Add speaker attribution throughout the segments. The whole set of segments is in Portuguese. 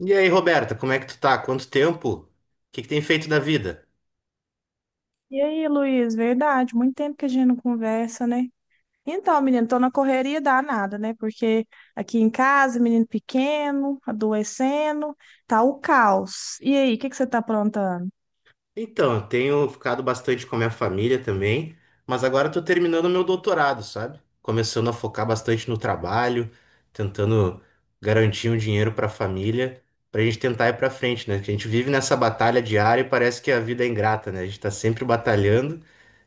Speaker 1: E aí, Roberta, como é que tu tá? Quanto tempo? O que que tem feito da vida?
Speaker 2: E aí, Luiz, verdade, muito tempo que a gente não conversa, né? Então, menino, tô na correria danada, né? Porque aqui em casa, menino pequeno, adoecendo, tá o caos. E aí, o que que você tá aprontando?
Speaker 1: Então, eu tenho ficado bastante com a minha família também, mas agora eu tô terminando o meu doutorado, sabe? Começando a focar bastante no trabalho, tentando garantir um dinheiro pra família, pra gente tentar ir pra frente, né? Que a gente vive nessa batalha diária e parece que a vida é ingrata, né? A gente tá sempre batalhando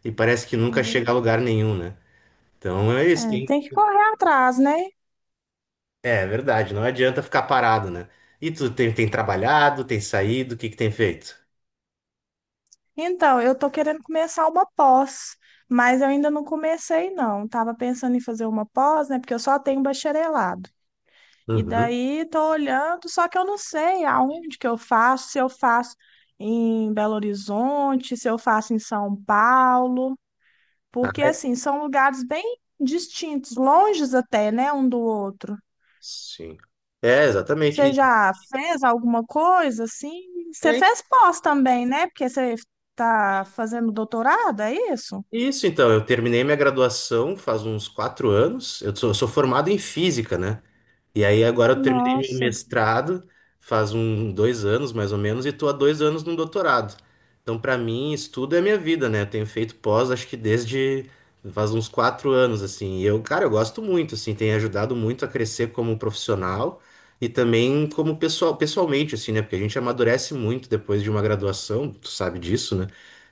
Speaker 1: e parece que nunca
Speaker 2: Ver-
Speaker 1: chega a lugar nenhum, né? Então é isso,
Speaker 2: É,
Speaker 1: tem.
Speaker 2: tem que correr atrás, né?
Speaker 1: É verdade, não adianta ficar parado, né? E tu tem trabalhado, tem saído, o que que tem feito?
Speaker 2: Então, eu tô querendo começar uma pós, mas eu ainda não comecei, não. Tava pensando em fazer uma pós, né? Porque eu só tenho bacharelado. E
Speaker 1: Uhum.
Speaker 2: daí tô olhando, só que eu não sei aonde que eu faço, se eu faço em Belo Horizonte, se eu faço em São Paulo,
Speaker 1: Ah,
Speaker 2: porque assim, são lugares bem distintos, longes até, né, um do outro.
Speaker 1: sim. É, exatamente.
Speaker 2: Você
Speaker 1: E-
Speaker 2: já fez alguma coisa assim? Você
Speaker 1: é
Speaker 2: fez pós também, né? Porque você tá fazendo doutorado, é isso?
Speaker 1: isso, então. Eu terminei minha graduação faz uns quatro anos. Eu sou formado em física, né? E aí agora eu terminei meu
Speaker 2: Nossa.
Speaker 1: mestrado, faz um dois anos mais ou menos, e tô há dois anos no doutorado. Então, para mim, estudo é a minha vida, né? Eu tenho feito pós, acho que desde faz uns quatro anos, assim. E eu, cara, eu gosto muito, assim, tem ajudado muito a crescer como profissional e também como pessoal, pessoalmente, assim, né? Porque a gente amadurece muito depois de uma graduação, tu sabe disso, né?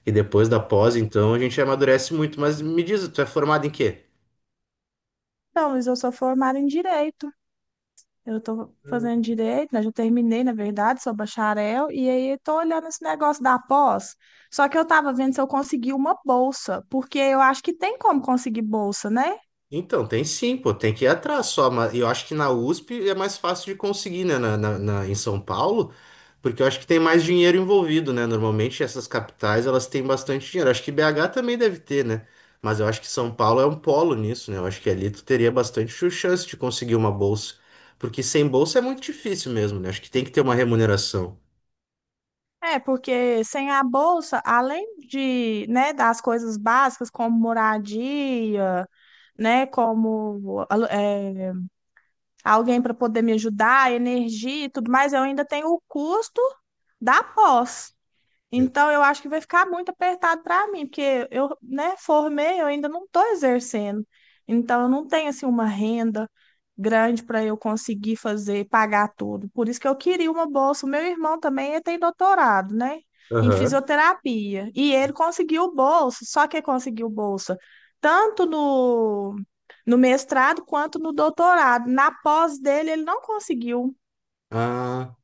Speaker 1: E depois da pós, então, a gente amadurece muito. Mas me diz, tu é formado em quê?
Speaker 2: Então, Luiz, eu sou formada em direito. Eu estou fazendo direito, né? Já terminei, na verdade, sou bacharel, e aí estou olhando esse negócio da pós. Só que eu estava vendo se eu consegui uma bolsa, porque eu acho que tem como conseguir bolsa, né?
Speaker 1: Então, tem sim, pô, tem que ir atrás só, mas eu acho que na USP é mais fácil de conseguir, né, em São Paulo, porque eu acho que tem mais dinheiro envolvido, né, normalmente essas capitais, elas têm bastante dinheiro, acho que BH também deve ter, né, mas eu acho que São Paulo é um polo nisso, né, eu acho que ali tu teria bastante chance de conseguir uma bolsa, porque sem bolsa é muito difícil mesmo, né, acho que tem que ter uma remuneração.
Speaker 2: É, porque sem a bolsa, além de, né, das coisas básicas como moradia, né, como é, alguém para poder me ajudar, energia e tudo mais, eu ainda tenho o custo da pós.
Speaker 1: Eu-
Speaker 2: Então, eu acho que vai ficar muito apertado para mim, porque eu, né, formei, eu ainda não estou exercendo. Então, eu não tenho assim uma renda grande para eu conseguir fazer, pagar tudo. Por isso que eu queria uma bolsa. O meu irmão também, ele tem doutorado, né, em fisioterapia. E ele conseguiu bolsa, só que ele conseguiu bolsa tanto no mestrado quanto no doutorado. Na pós dele, ele não conseguiu.
Speaker 1: Aham.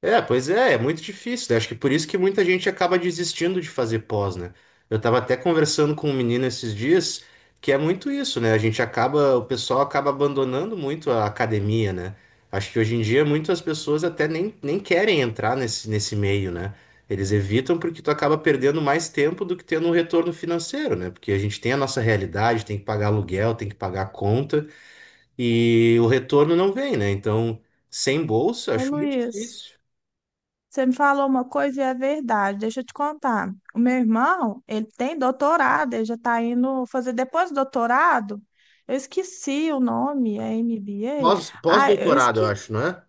Speaker 1: É, pois é, é muito difícil, né? Acho que por isso que muita gente acaba desistindo de fazer pós, né? Eu tava até conversando com um menino esses dias que é muito isso, né? A gente acaba, o pessoal acaba abandonando muito a academia, né? Acho que hoje em dia muitas pessoas até nem querem entrar nesse meio, né? Eles evitam porque tu acaba perdendo mais tempo do que tendo um retorno financeiro, né? Porque a gente tem a nossa realidade, tem que pagar aluguel, tem que pagar conta e o retorno não vem, né? Então, sem bolsa,
Speaker 2: Ô,
Speaker 1: acho muito
Speaker 2: Luiz.
Speaker 1: difícil.
Speaker 2: Você me falou uma coisa e é verdade. Deixa eu te contar. O meu irmão, ele tem doutorado, ele já está indo fazer depois do doutorado. Eu esqueci o nome, é
Speaker 1: Pós,
Speaker 2: MBA? Ah, eu
Speaker 1: pós-doutorado, eu
Speaker 2: esqueci,
Speaker 1: acho, não é?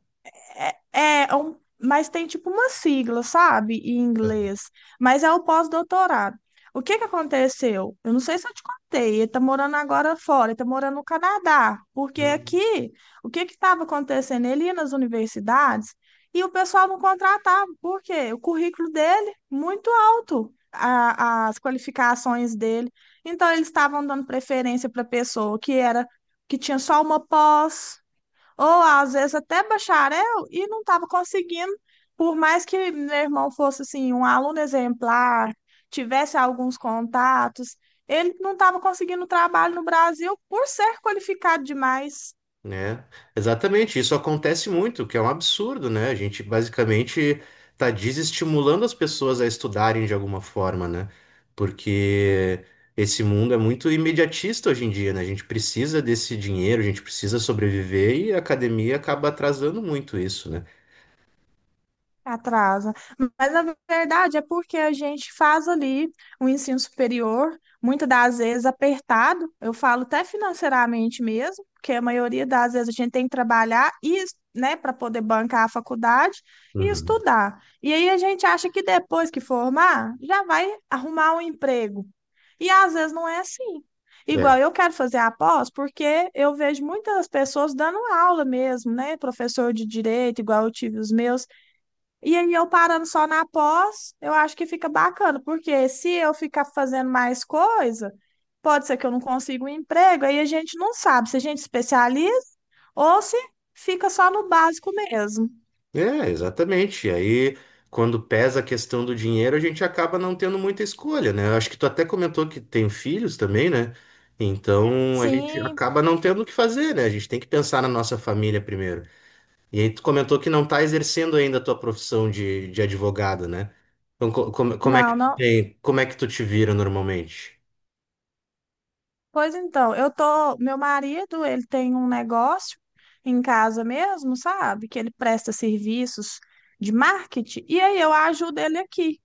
Speaker 2: é, é um, mas tem tipo uma sigla, sabe? Em inglês. Mas é o pós-doutorado. O que que aconteceu? Eu não sei se eu te contei. Ele tá morando agora fora, ele tá morando no Canadá. Porque
Speaker 1: Não.
Speaker 2: aqui, o que que estava acontecendo? Ele ia nas universidades e o pessoal não contratava. Por quê? O currículo dele, muito alto, as qualificações dele. Então, eles estavam dando preferência para pessoa que era, que tinha só uma pós ou às vezes até bacharel, e não estava conseguindo, por mais que meu irmão fosse assim, um aluno exemplar, tivesse alguns contatos, ele não estava conseguindo trabalho no Brasil por ser qualificado demais.
Speaker 1: É, exatamente. Isso acontece muito, o que é um absurdo, né? A gente basicamente está desestimulando as pessoas a estudarem de alguma forma, né? Porque esse mundo é muito imediatista hoje em dia, né? A gente precisa desse dinheiro, a gente precisa sobreviver e a academia acaba atrasando muito isso, né?
Speaker 2: Atrasa. Mas na verdade é porque a gente faz ali o ensino superior, muitas das vezes apertado, eu falo até financeiramente mesmo, porque a maioria das vezes a gente tem que trabalhar e, né, para poder bancar a faculdade e
Speaker 1: Uhum.
Speaker 2: estudar. E aí a gente acha que depois que formar, já vai arrumar um emprego. E às vezes não é assim. Igual eu quero fazer a pós, porque eu vejo muitas pessoas dando aula mesmo, né? Professor de direito, igual eu tive os meus. E aí eu parando só na pós, eu acho que fica bacana, porque se eu ficar fazendo mais coisa, pode ser que eu não consiga um emprego, aí a gente não sabe se a gente especializa ou se fica só no básico mesmo.
Speaker 1: É, exatamente. E aí, quando pesa a questão do dinheiro, a gente acaba não tendo muita escolha, né? Eu acho que tu até comentou que tem filhos também, né? Então, a gente
Speaker 2: Sim,
Speaker 1: acaba não tendo o que fazer, né? A gente tem que pensar na nossa família primeiro. E aí, tu comentou que não tá exercendo ainda a tua profissão de advogado, né? Então, como, como é que
Speaker 2: não,
Speaker 1: tu
Speaker 2: não.
Speaker 1: tem, como é que tu te vira normalmente?
Speaker 2: Pois então, eu tô, meu marido, ele tem um negócio em casa mesmo, sabe? Que ele presta serviços de marketing, e aí eu ajudo ele aqui.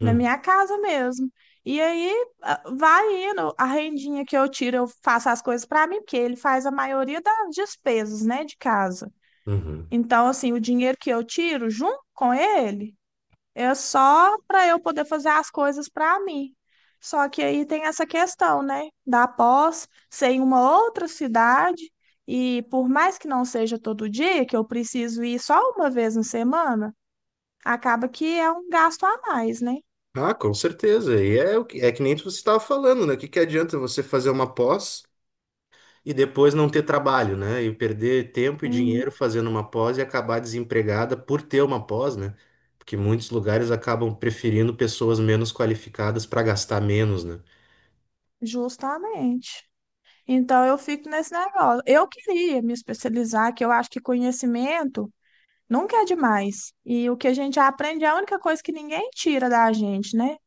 Speaker 2: Na
Speaker 1: Hum,
Speaker 2: minha casa mesmo. E aí ah, vai indo, a rendinha que eu tiro, eu faço as coisas para mim, porque ele faz a maioria das despesas, né, de casa.
Speaker 1: uhum.
Speaker 2: Então, assim, o dinheiro que eu tiro junto com ele é só para eu poder fazer as coisas para mim. Só que aí tem essa questão, né, da pós ser em uma outra cidade e por mais que não seja todo dia, que eu preciso ir só uma vez na semana, acaba que é um gasto a mais, né?
Speaker 1: Ah, com certeza. E é, é que nem você estava falando, né? O que que adianta você fazer uma pós? E depois não ter trabalho, né? E perder tempo e
Speaker 2: Uhum.
Speaker 1: dinheiro fazendo uma pós e acabar desempregada por ter uma pós, né? Porque muitos lugares acabam preferindo pessoas menos qualificadas para gastar menos, né?
Speaker 2: Justamente. Então eu fico nesse negócio. Eu queria me especializar, que eu acho que conhecimento nunca é demais. E o que a gente aprende é a única coisa que ninguém tira da gente, né?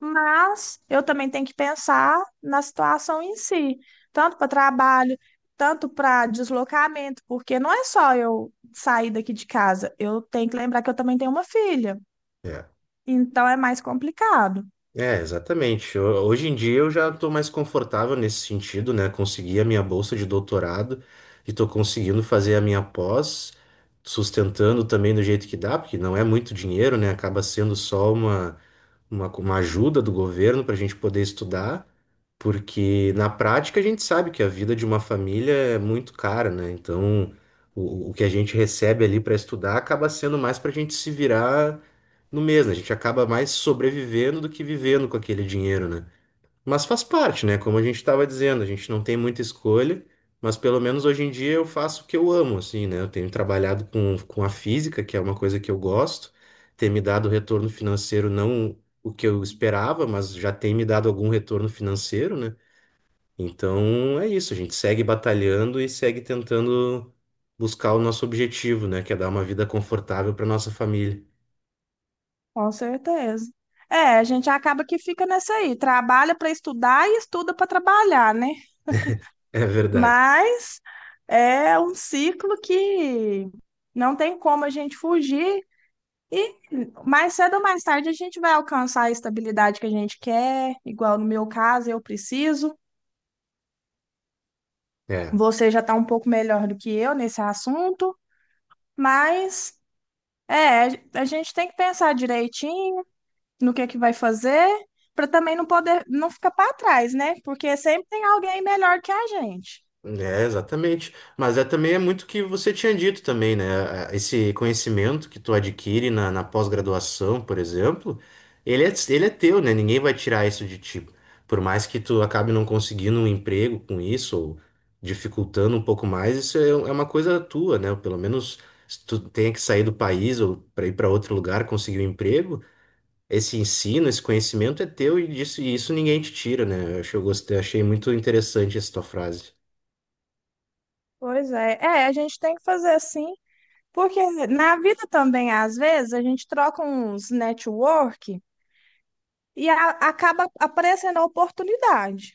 Speaker 2: Mas eu também tenho que pensar na situação em si, tanto para trabalho, tanto para deslocamento, porque não é só eu sair daqui de casa, eu tenho que lembrar que eu também tenho uma filha.
Speaker 1: É.
Speaker 2: Então é mais complicado.
Speaker 1: É, exatamente. Hoje em dia eu já estou mais confortável nesse sentido, né? Consegui a minha bolsa de doutorado e estou conseguindo fazer a minha pós, sustentando também do jeito que dá, porque não é muito dinheiro, né? Acaba sendo só uma ajuda do governo para a gente poder estudar, porque na prática a gente sabe que a vida de uma família é muito cara, né? Então, o que a gente recebe ali para estudar acaba sendo mais para a gente se virar no mesmo, né? A gente acaba mais sobrevivendo do que vivendo com aquele dinheiro, né? Mas faz parte, né? Como a gente estava dizendo, a gente não tem muita escolha, mas pelo menos hoje em dia eu faço o que eu amo, assim, né? Eu tenho trabalhado com a física, que é uma coisa que eu gosto, tem me dado retorno financeiro, não o que eu esperava, mas já tem me dado algum retorno financeiro, né? Então é isso, a gente segue batalhando e segue tentando buscar o nosso objetivo, né? Que é dar uma vida confortável para nossa família.
Speaker 2: Com certeza. É, a gente acaba que fica nessa aí, trabalha para estudar e estuda para trabalhar, né?
Speaker 1: É verdade.
Speaker 2: Mas é um ciclo que não tem como a gente fugir e mais cedo ou mais tarde a gente vai alcançar a estabilidade que a gente quer, igual no meu caso, eu preciso.
Speaker 1: É.
Speaker 2: Você já está um pouco melhor do que eu nesse assunto, mas é, a gente tem que pensar direitinho no que é que vai fazer, para também não poder não ficar para trás, né? Porque sempre tem alguém melhor que a gente.
Speaker 1: É, exatamente. Mas é também é muito o que você tinha dito também, né? É, esse conhecimento que tu adquire na pós-graduação, por exemplo, ele é teu, né? Ninguém vai tirar isso de ti. Por mais que tu acabe não conseguindo um emprego com isso, ou dificultando um pouco mais, isso é, é uma coisa tua, né? Pelo menos se tu tenha que sair do país ou para ir para outro lugar conseguir um emprego, esse ensino, esse conhecimento é teu e disso, e isso ninguém te tira, né? Eu gostei, achei muito interessante essa tua frase.
Speaker 2: Pois é, é, a gente tem que fazer assim, porque na vida também, às vezes, a gente troca uns network e acaba aparecendo a oportunidade.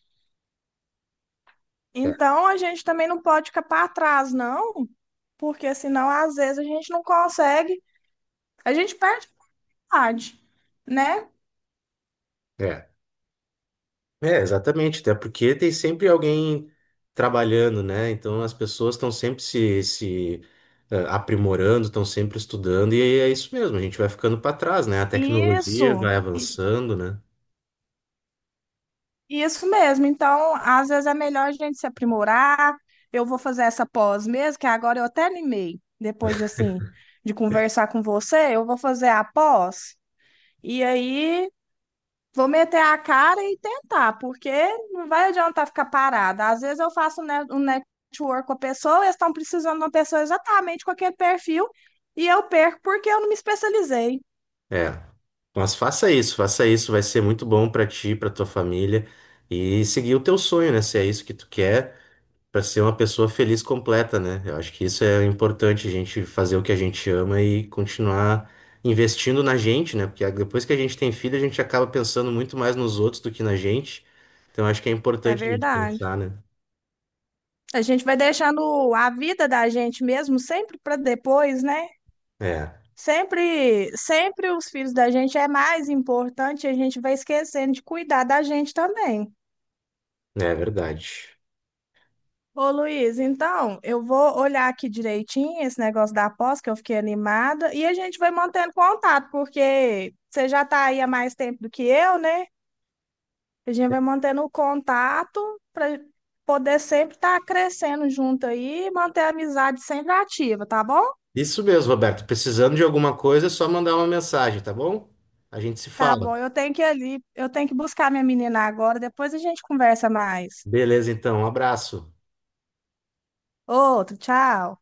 Speaker 1: É.
Speaker 2: Então, a gente também não pode ficar para trás, não, porque senão, às vezes, a gente não consegue, a gente perde a vontade, né?
Speaker 1: É. É, exatamente, até porque tem sempre alguém trabalhando, né? Então as pessoas estão sempre se aprimorando, estão sempre estudando, e aí é isso mesmo, a gente vai ficando para trás, né? A
Speaker 2: Isso.
Speaker 1: tecnologia vai avançando, né?
Speaker 2: Isso mesmo. Então, às vezes é melhor a gente se aprimorar. Eu vou fazer essa pós mesmo, que agora eu até animei, depois de assim, de conversar com você, eu vou fazer a pós e aí vou meter a cara e tentar, porque não vai adiantar ficar parada. Às vezes eu faço um network com a pessoa, eles estão precisando de uma pessoa exatamente com aquele perfil e eu perco porque eu não me especializei.
Speaker 1: É. Mas faça isso, vai ser muito bom para ti, para tua família, e seguir o teu sonho, né? Se é isso que tu quer. Para ser uma pessoa feliz completa, né? Eu acho que isso é importante, a gente fazer o que a gente ama e continuar investindo na gente, né? Porque depois que a gente tem filho, a gente acaba pensando muito mais nos outros do que na gente. Então acho que é
Speaker 2: É
Speaker 1: importante a gente
Speaker 2: verdade.
Speaker 1: pensar, né?
Speaker 2: A gente vai deixando a vida da gente mesmo sempre para depois, né?
Speaker 1: É,
Speaker 2: Sempre, sempre os filhos da gente é mais importante, e a gente vai esquecendo de cuidar da gente também.
Speaker 1: é verdade.
Speaker 2: Ô Luiz, então, eu vou olhar aqui direitinho esse negócio da aposta, que eu fiquei animada, e a gente vai mantendo contato, porque você já está aí há mais tempo do que eu, né? A gente vai mantendo o contato para poder sempre estar crescendo junto aí, e manter a amizade sempre ativa, tá bom?
Speaker 1: Isso mesmo, Roberto. Precisando de alguma coisa, é só mandar uma mensagem, tá bom? A gente se
Speaker 2: Tá
Speaker 1: fala.
Speaker 2: bom, eu tenho que ir ali, eu tenho que buscar minha menina agora, depois a gente conversa mais.
Speaker 1: Beleza, então. Um abraço.
Speaker 2: Outro, tchau.